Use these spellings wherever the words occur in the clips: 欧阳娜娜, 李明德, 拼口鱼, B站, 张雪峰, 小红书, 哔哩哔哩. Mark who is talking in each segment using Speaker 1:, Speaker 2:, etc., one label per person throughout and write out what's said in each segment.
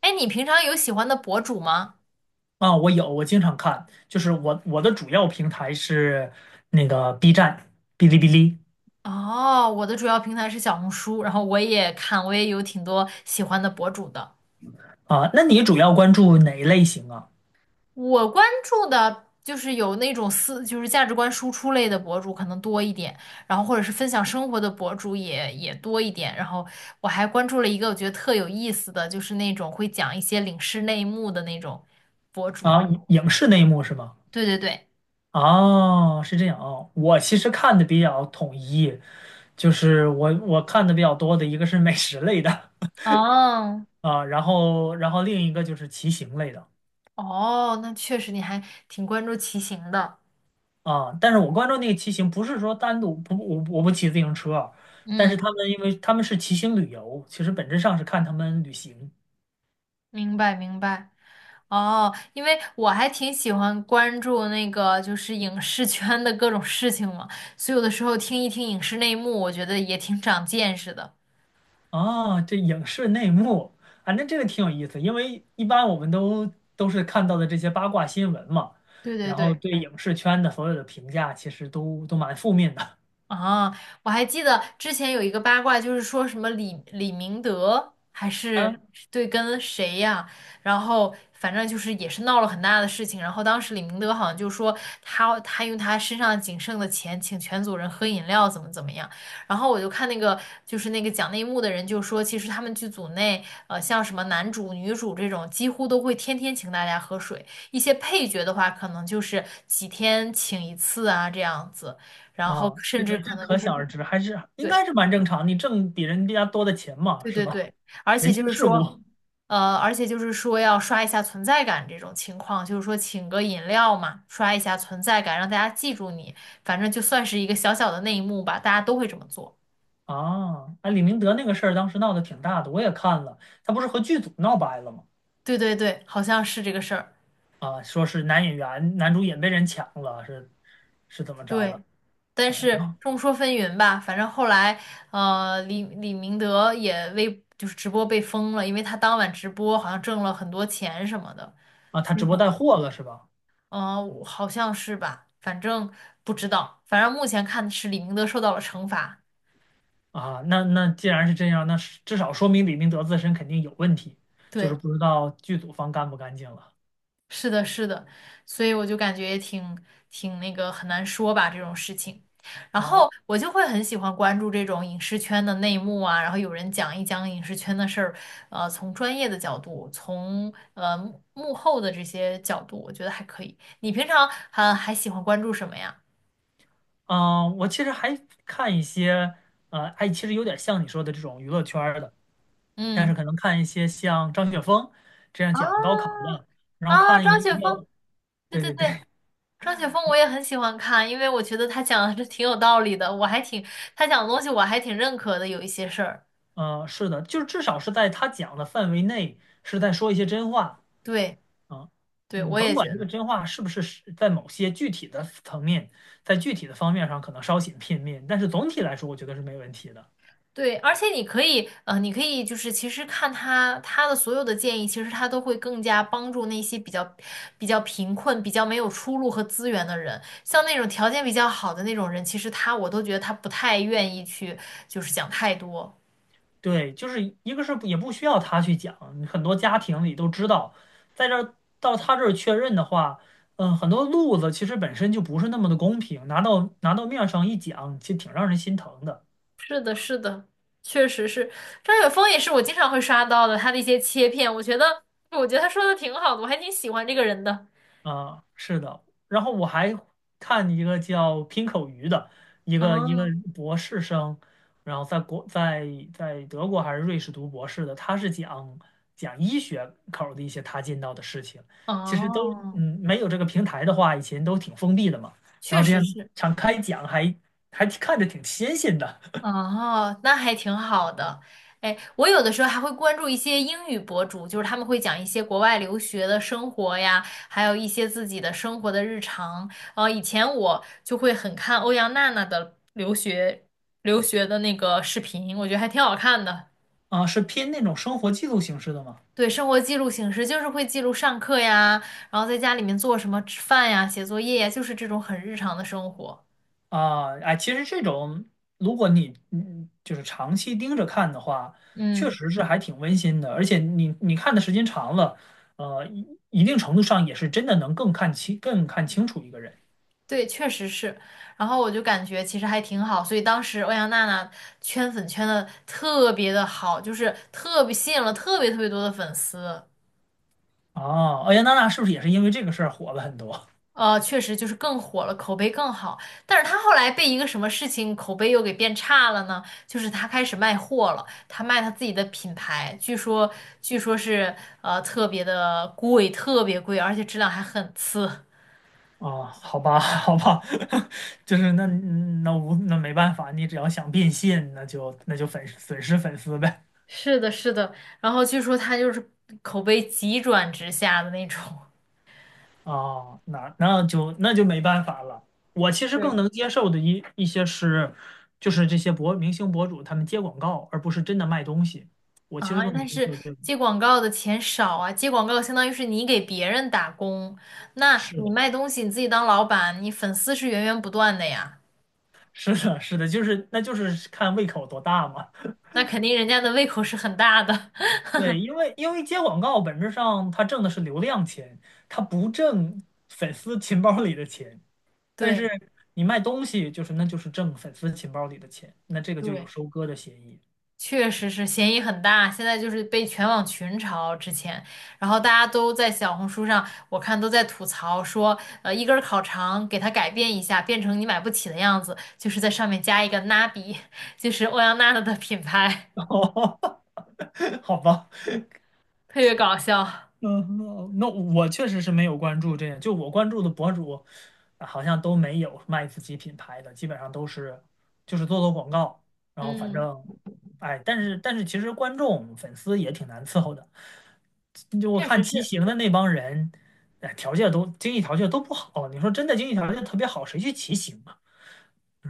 Speaker 1: 哎，你平常有喜欢的博主吗？
Speaker 2: 啊，我有，我经常看，就是我的主要平台是那个 B 站、哔哩哔哩
Speaker 1: 哦，我的主要平台是小红书，然后我也看，我也有挺多喜欢的博主的。
Speaker 2: 啊。那你主要关注哪一类型啊？
Speaker 1: 我关注的就是有那种思，就是价值观输出类的博主可能多一点，然后或者是分享生活的博主也多一点。然后我还关注了一个我觉得特有意思的，就是那种会讲一些领事内幕的那种博主。
Speaker 2: 啊，影视内幕是吗？
Speaker 1: 对对对，
Speaker 2: 哦，是这样啊。我其实看的比较统一，就是我看的比较多的一个是美食类的
Speaker 1: 哦
Speaker 2: 啊，然后另一个就是骑行类的
Speaker 1: 哦，那确实你还挺关注骑行的。
Speaker 2: 啊。但是我关注那个骑行，不是说单独不我不骑自行车啊，但是
Speaker 1: 嗯，
Speaker 2: 他们因为他们是骑行旅游，其实本质上是看他们旅行。
Speaker 1: 明白明白。哦，因为我还挺喜欢关注那个就是影视圈的各种事情嘛，所以有的时候听一听影视内幕，我觉得也挺长见识的。
Speaker 2: 哦，这影视内幕啊，那这个挺有意思，因为一般我们都是看到的这些八卦新闻嘛，
Speaker 1: 对对
Speaker 2: 然后
Speaker 1: 对。
Speaker 2: 对影视圈的所有的评价其实都蛮负面的
Speaker 1: 啊，我还记得之前有一个八卦，就是说什么李明德还 是
Speaker 2: 嗯
Speaker 1: 对跟谁呀、然后反正就是也是闹了很大的事情。然后当时李明德好像就说他用他身上仅剩的钱请全组人喝饮料，怎么怎么样。然后我就看那个就是那个讲内幕的人就说，其实他们剧组内像什么男主女主这种，几乎都会天天请大家喝水。一些配角的话，可能就是几天请一次啊这样子。然后
Speaker 2: 啊，
Speaker 1: 甚至
Speaker 2: 这
Speaker 1: 可能就
Speaker 2: 可
Speaker 1: 是
Speaker 2: 想而知，还是应
Speaker 1: 对
Speaker 2: 该是蛮正常，你挣比人家多的钱嘛，
Speaker 1: 对
Speaker 2: 是
Speaker 1: 对
Speaker 2: 吧？
Speaker 1: 对，而且
Speaker 2: 人
Speaker 1: 就
Speaker 2: 情
Speaker 1: 是
Speaker 2: 世
Speaker 1: 说，
Speaker 2: 故
Speaker 1: 而且就是说要刷一下存在感这种情况，就是说请个饮料嘛，刷一下存在感，让大家记住你，反正就算是一个小小的内幕吧，大家都会这么做。
Speaker 2: 啊，啊，李明德那个事儿当时闹得挺大的，我也看了，他不是和剧组闹掰了吗？
Speaker 1: 对对对，好像是这个事儿。
Speaker 2: 啊，说是男演员男主演被人抢了，是怎么着
Speaker 1: 对，
Speaker 2: 了？
Speaker 1: 但
Speaker 2: 啊，然
Speaker 1: 是
Speaker 2: 后
Speaker 1: 众说纷纭吧，反正后来，呃，李明德也微就是直播被封了，因为他当晚直播好像挣了很多钱什么的。
Speaker 2: 啊，他直播带货了是吧？
Speaker 1: 呃，好像是吧，反正不知道，反正目前看是李明德受到了惩罚。
Speaker 2: 啊，那既然是这样，那是至少说明李明德自身肯定有问题，就是
Speaker 1: 对，
Speaker 2: 不知道剧组方干不干净了
Speaker 1: 是的，是的，所以我就感觉也挺挺那个很难说吧这种事情。然后
Speaker 2: 啊。
Speaker 1: 我就会很喜欢关注这种影视圈的内幕啊，然后有人讲一讲影视圈的事儿，呃，从专业的角度，从幕后的这些角度，我觉得还可以。你平常还喜欢关注什么呀？
Speaker 2: 嗯，我其实还看一些，哎，其实有点像你说的这种娱乐圈儿的，但
Speaker 1: 嗯，
Speaker 2: 是可能看一些像张雪峰这样
Speaker 1: 啊
Speaker 2: 讲高考的，然后
Speaker 1: 啊，
Speaker 2: 看一个
Speaker 1: 张雪
Speaker 2: 比较，
Speaker 1: 峰，对
Speaker 2: 对
Speaker 1: 对
Speaker 2: 对
Speaker 1: 对。
Speaker 2: 对，
Speaker 1: 张雪峰我也很喜欢看，因为我觉得他讲的是挺有道理的，我还挺，他讲的东西我还挺认可的，有一些事儿。
Speaker 2: 是的，就是至少是在他讲的范围内，是在说一些真话。
Speaker 1: 对，
Speaker 2: 啊，
Speaker 1: 对，
Speaker 2: 你
Speaker 1: 我
Speaker 2: 甭
Speaker 1: 也觉
Speaker 2: 管这个
Speaker 1: 得。
Speaker 2: 真话是不是是在某些具体的层面，在具体的方面上可能稍显片面，但是总体来说，我觉得是没问题的。
Speaker 1: 对，而且你可以，呃，你可以就是其实看他的所有的建议，其实他都会更加帮助那些比较比较贫困、比较没有出路和资源的人，像那种条件比较好的那种人，其实他我都觉得他不太愿意去就是讲太多。
Speaker 2: 对，就是一个是也不需要他去讲，很多家庭里都知道，在这儿到他这儿确认的话，很多路子其实本身就不是那么的公平，拿到面上一讲，其实挺让人心疼的。
Speaker 1: 是的，是的，确实是张雪峰也是我经常会刷到的，他的一些切片，我觉得，我觉得他说的挺好的，我还挺喜欢这个人的。
Speaker 2: 啊，是的。然后我还看一个叫拼口鱼的，一个
Speaker 1: 哦
Speaker 2: 博士生，然后在德国还是瑞士读博士的，他是讲医学口儿的一些他见到的事情。其实都
Speaker 1: 哦，
Speaker 2: 没有这个平台的话，以前都挺封闭的嘛。然
Speaker 1: 确
Speaker 2: 后这
Speaker 1: 实
Speaker 2: 样
Speaker 1: 是
Speaker 2: 敞开讲还看着挺新鲜的
Speaker 1: 哦，那还挺好的。哎，我有的时候还会关注一些英语博主，就是他们会讲一些国外留学的生活呀，还有一些自己的生活的日常。呃，以前我就会很看欧阳娜娜的留学的那个视频，我觉得还挺好看的。
Speaker 2: 啊，是偏那种生活记录形式的吗？
Speaker 1: 对，生活记录形式就是会记录上课呀，然后在家里面做什么吃饭呀、写作业呀，就是这种很日常的生活。
Speaker 2: 啊，哎，其实这种，如果你就是长期盯着看的话，确
Speaker 1: 嗯，
Speaker 2: 实是还挺温馨的，而且你看的时间长了，一定程度上也是真的能更看清、更看清楚一个人。
Speaker 1: 对，确实是。然后我就感觉其实还挺好，所以当时欧阳娜娜圈粉圈的特别的好，就是特别吸引了特别特别多的粉丝。
Speaker 2: 哦，欧阳娜娜是不是也是因为这个事儿火了很多？
Speaker 1: 呃，确实就是更火了，口碑更好。但是他后来被一个什么事情口碑又给变差了呢？就是他开始卖货了，他卖他自己的品牌，据说是特别的贵，特别贵，而且质量还很次。
Speaker 2: 啊？好吧，好吧，就是那嗯那无那没办法，你只要想变现，那就损失粉丝呗。
Speaker 1: 是的，是的。然后据说他就是口碑急转直下的那种
Speaker 2: 哦，那就没办法了。我其实
Speaker 1: 对，
Speaker 2: 更能接受的一些是，就是这些明星博主他们接广告，而不是真的卖东西。我其实
Speaker 1: 啊，
Speaker 2: 更能
Speaker 1: 但
Speaker 2: 接
Speaker 1: 是
Speaker 2: 受这种。
Speaker 1: 接广告的钱少啊，接广告相当于是你给别人打工，那
Speaker 2: 是
Speaker 1: 你
Speaker 2: 的，
Speaker 1: 卖东西你自己当老板，你粉丝是源源不断的呀。
Speaker 2: 是的，是的，就是那就是看胃口多大嘛。
Speaker 1: 那肯定人家的胃口是很大的。
Speaker 2: 对，因为接广告本质上他挣的是流量钱，他不挣粉丝钱包里的钱。但
Speaker 1: 对
Speaker 2: 是你卖东西，就是那就是挣粉丝钱包里的钱，那这个就有
Speaker 1: 对，
Speaker 2: 收割的嫌疑。
Speaker 1: 确实是嫌疑很大，现在就是被全网群嘲之前，然后大家都在小红书上，我看都在吐槽说，呃，一根儿烤肠给它改变一下，变成你买不起的样子，就是在上面加一个 n a 就是欧阳娜娜的品牌，
Speaker 2: 哦好吧。
Speaker 1: 特别搞笑。
Speaker 2: 嗯，那我确实是没有关注这个，就我关注的博主，啊好像都没有卖自己品牌的，基本上都是就是做做广告，然后反
Speaker 1: 嗯，
Speaker 2: 正，哎，但是其实观众粉丝也挺难伺候的，就我
Speaker 1: 确
Speaker 2: 看
Speaker 1: 实
Speaker 2: 骑
Speaker 1: 是，
Speaker 2: 行的那帮人，哎，条件都经济条件都不好，你说真的经济条件特别好，谁去骑行啊？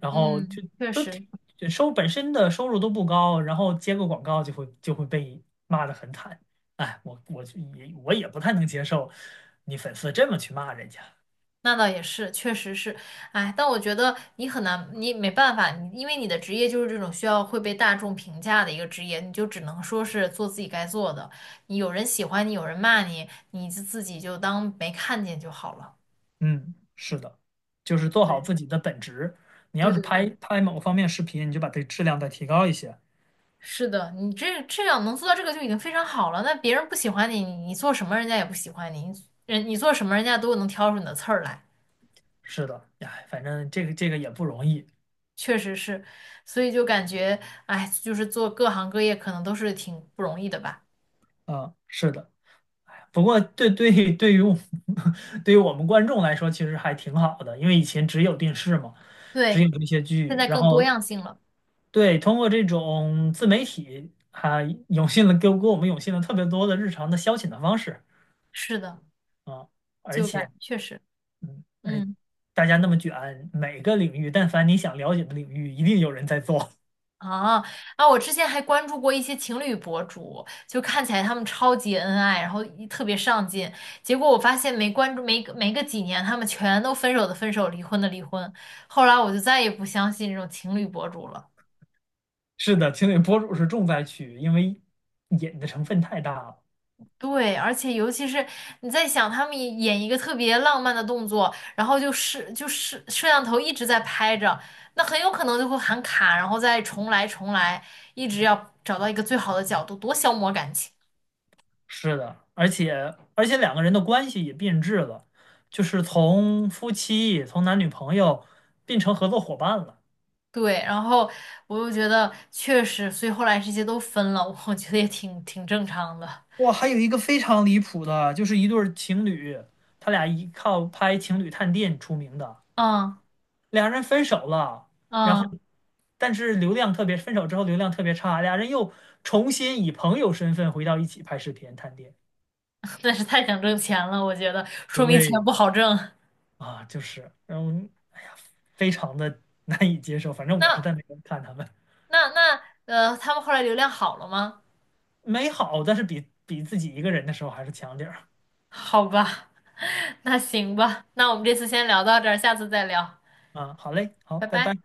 Speaker 2: 然后
Speaker 1: 嗯，确
Speaker 2: 就挺
Speaker 1: 实。
Speaker 2: 就本身的收入都不高，然后接个广告就会被骂得很惨。哎，我也不太能接受你粉丝这么去骂人家。
Speaker 1: 那倒也是，确实是，哎，但我觉得你很难，你没办法，你因为你的职业就是这种需要会被大众评价的一个职业，你就只能说是做自己该做的。你有人喜欢你，有人骂你，你自己就当没看见就好了。
Speaker 2: 嗯，是的，就是做好
Speaker 1: 对，
Speaker 2: 自己的本职。你要
Speaker 1: 对
Speaker 2: 是
Speaker 1: 对
Speaker 2: 拍
Speaker 1: 对，
Speaker 2: 拍某方面视频，你就把这质量再提高一些。
Speaker 1: 是的，你这样能做到这个就已经非常好了。那别人不喜欢你，你做什么人家也不喜欢你，你人你做什么人家都能挑出你的刺儿来，
Speaker 2: 是的，哎，反正这个也不容易
Speaker 1: 确实是，所以就感觉，哎，就是做各行各业可能都是挺不容易的吧。
Speaker 2: 啊，是的。不过对对对于我 对于我们观众来说，其实还挺好的，因为以前只有电视嘛。只
Speaker 1: 对，
Speaker 2: 有这些
Speaker 1: 现
Speaker 2: 剧，
Speaker 1: 在
Speaker 2: 然
Speaker 1: 更多
Speaker 2: 后
Speaker 1: 样性了。
Speaker 2: 对，通过这种自媒体，还涌现了给给我们涌现了特别多的日常的消遣的方式
Speaker 1: 是的，
Speaker 2: 啊，而
Speaker 1: 就
Speaker 2: 且，
Speaker 1: 感确实，
Speaker 2: 哎，
Speaker 1: 嗯，
Speaker 2: 大家那么卷，每个领域，但凡你想了解的领域，一定有人在做。
Speaker 1: 啊啊，我之前还关注过一些情侣博主，就看起来他们超级恩爱，然后一特别上进，结果我发现没关注没个几年，他们全都分手的分手，离婚的离婚。后来我就再也不相信这种情侣博主了。
Speaker 2: 是的，情侣博主是重灾区，因为瘾的成分太大了。
Speaker 1: 对，而且尤其是你在想他们演一个特别浪漫的动作，然后就是摄像头一直在拍着，那很有可能就会喊卡，然后再重来，一直要找到一个最好的角度，多消磨感情。
Speaker 2: 是的，而且两个人的关系也变质了，就是从夫妻，从男女朋友变成合作伙伴了。
Speaker 1: 对，然后我又觉得确实，所以后来这些都分了，我觉得也挺挺正常的。
Speaker 2: 哇，还有一个非常离谱的，就是一对儿情侣，他俩依靠拍情侣探店出名的，
Speaker 1: 嗯
Speaker 2: 俩人分手了，然后
Speaker 1: 嗯，
Speaker 2: 但是流量特别，分手之后流量特别差，俩人又重新以朋友身份回到一起拍视频探店。
Speaker 1: 但是太想挣钱了，我觉得说明钱
Speaker 2: 对
Speaker 1: 不好挣。
Speaker 2: 啊，就是，然后哎呀，非常的 难以接受。反正我是
Speaker 1: 那
Speaker 2: 在那边看他们，
Speaker 1: 那他们后来流量好了吗？
Speaker 2: 美好，但是比自己一个人的时候还是强点儿
Speaker 1: 好吧。那行吧，那我们这次先聊到这儿，下次再聊，
Speaker 2: 啊。好嘞，好，
Speaker 1: 拜
Speaker 2: 拜拜。
Speaker 1: 拜。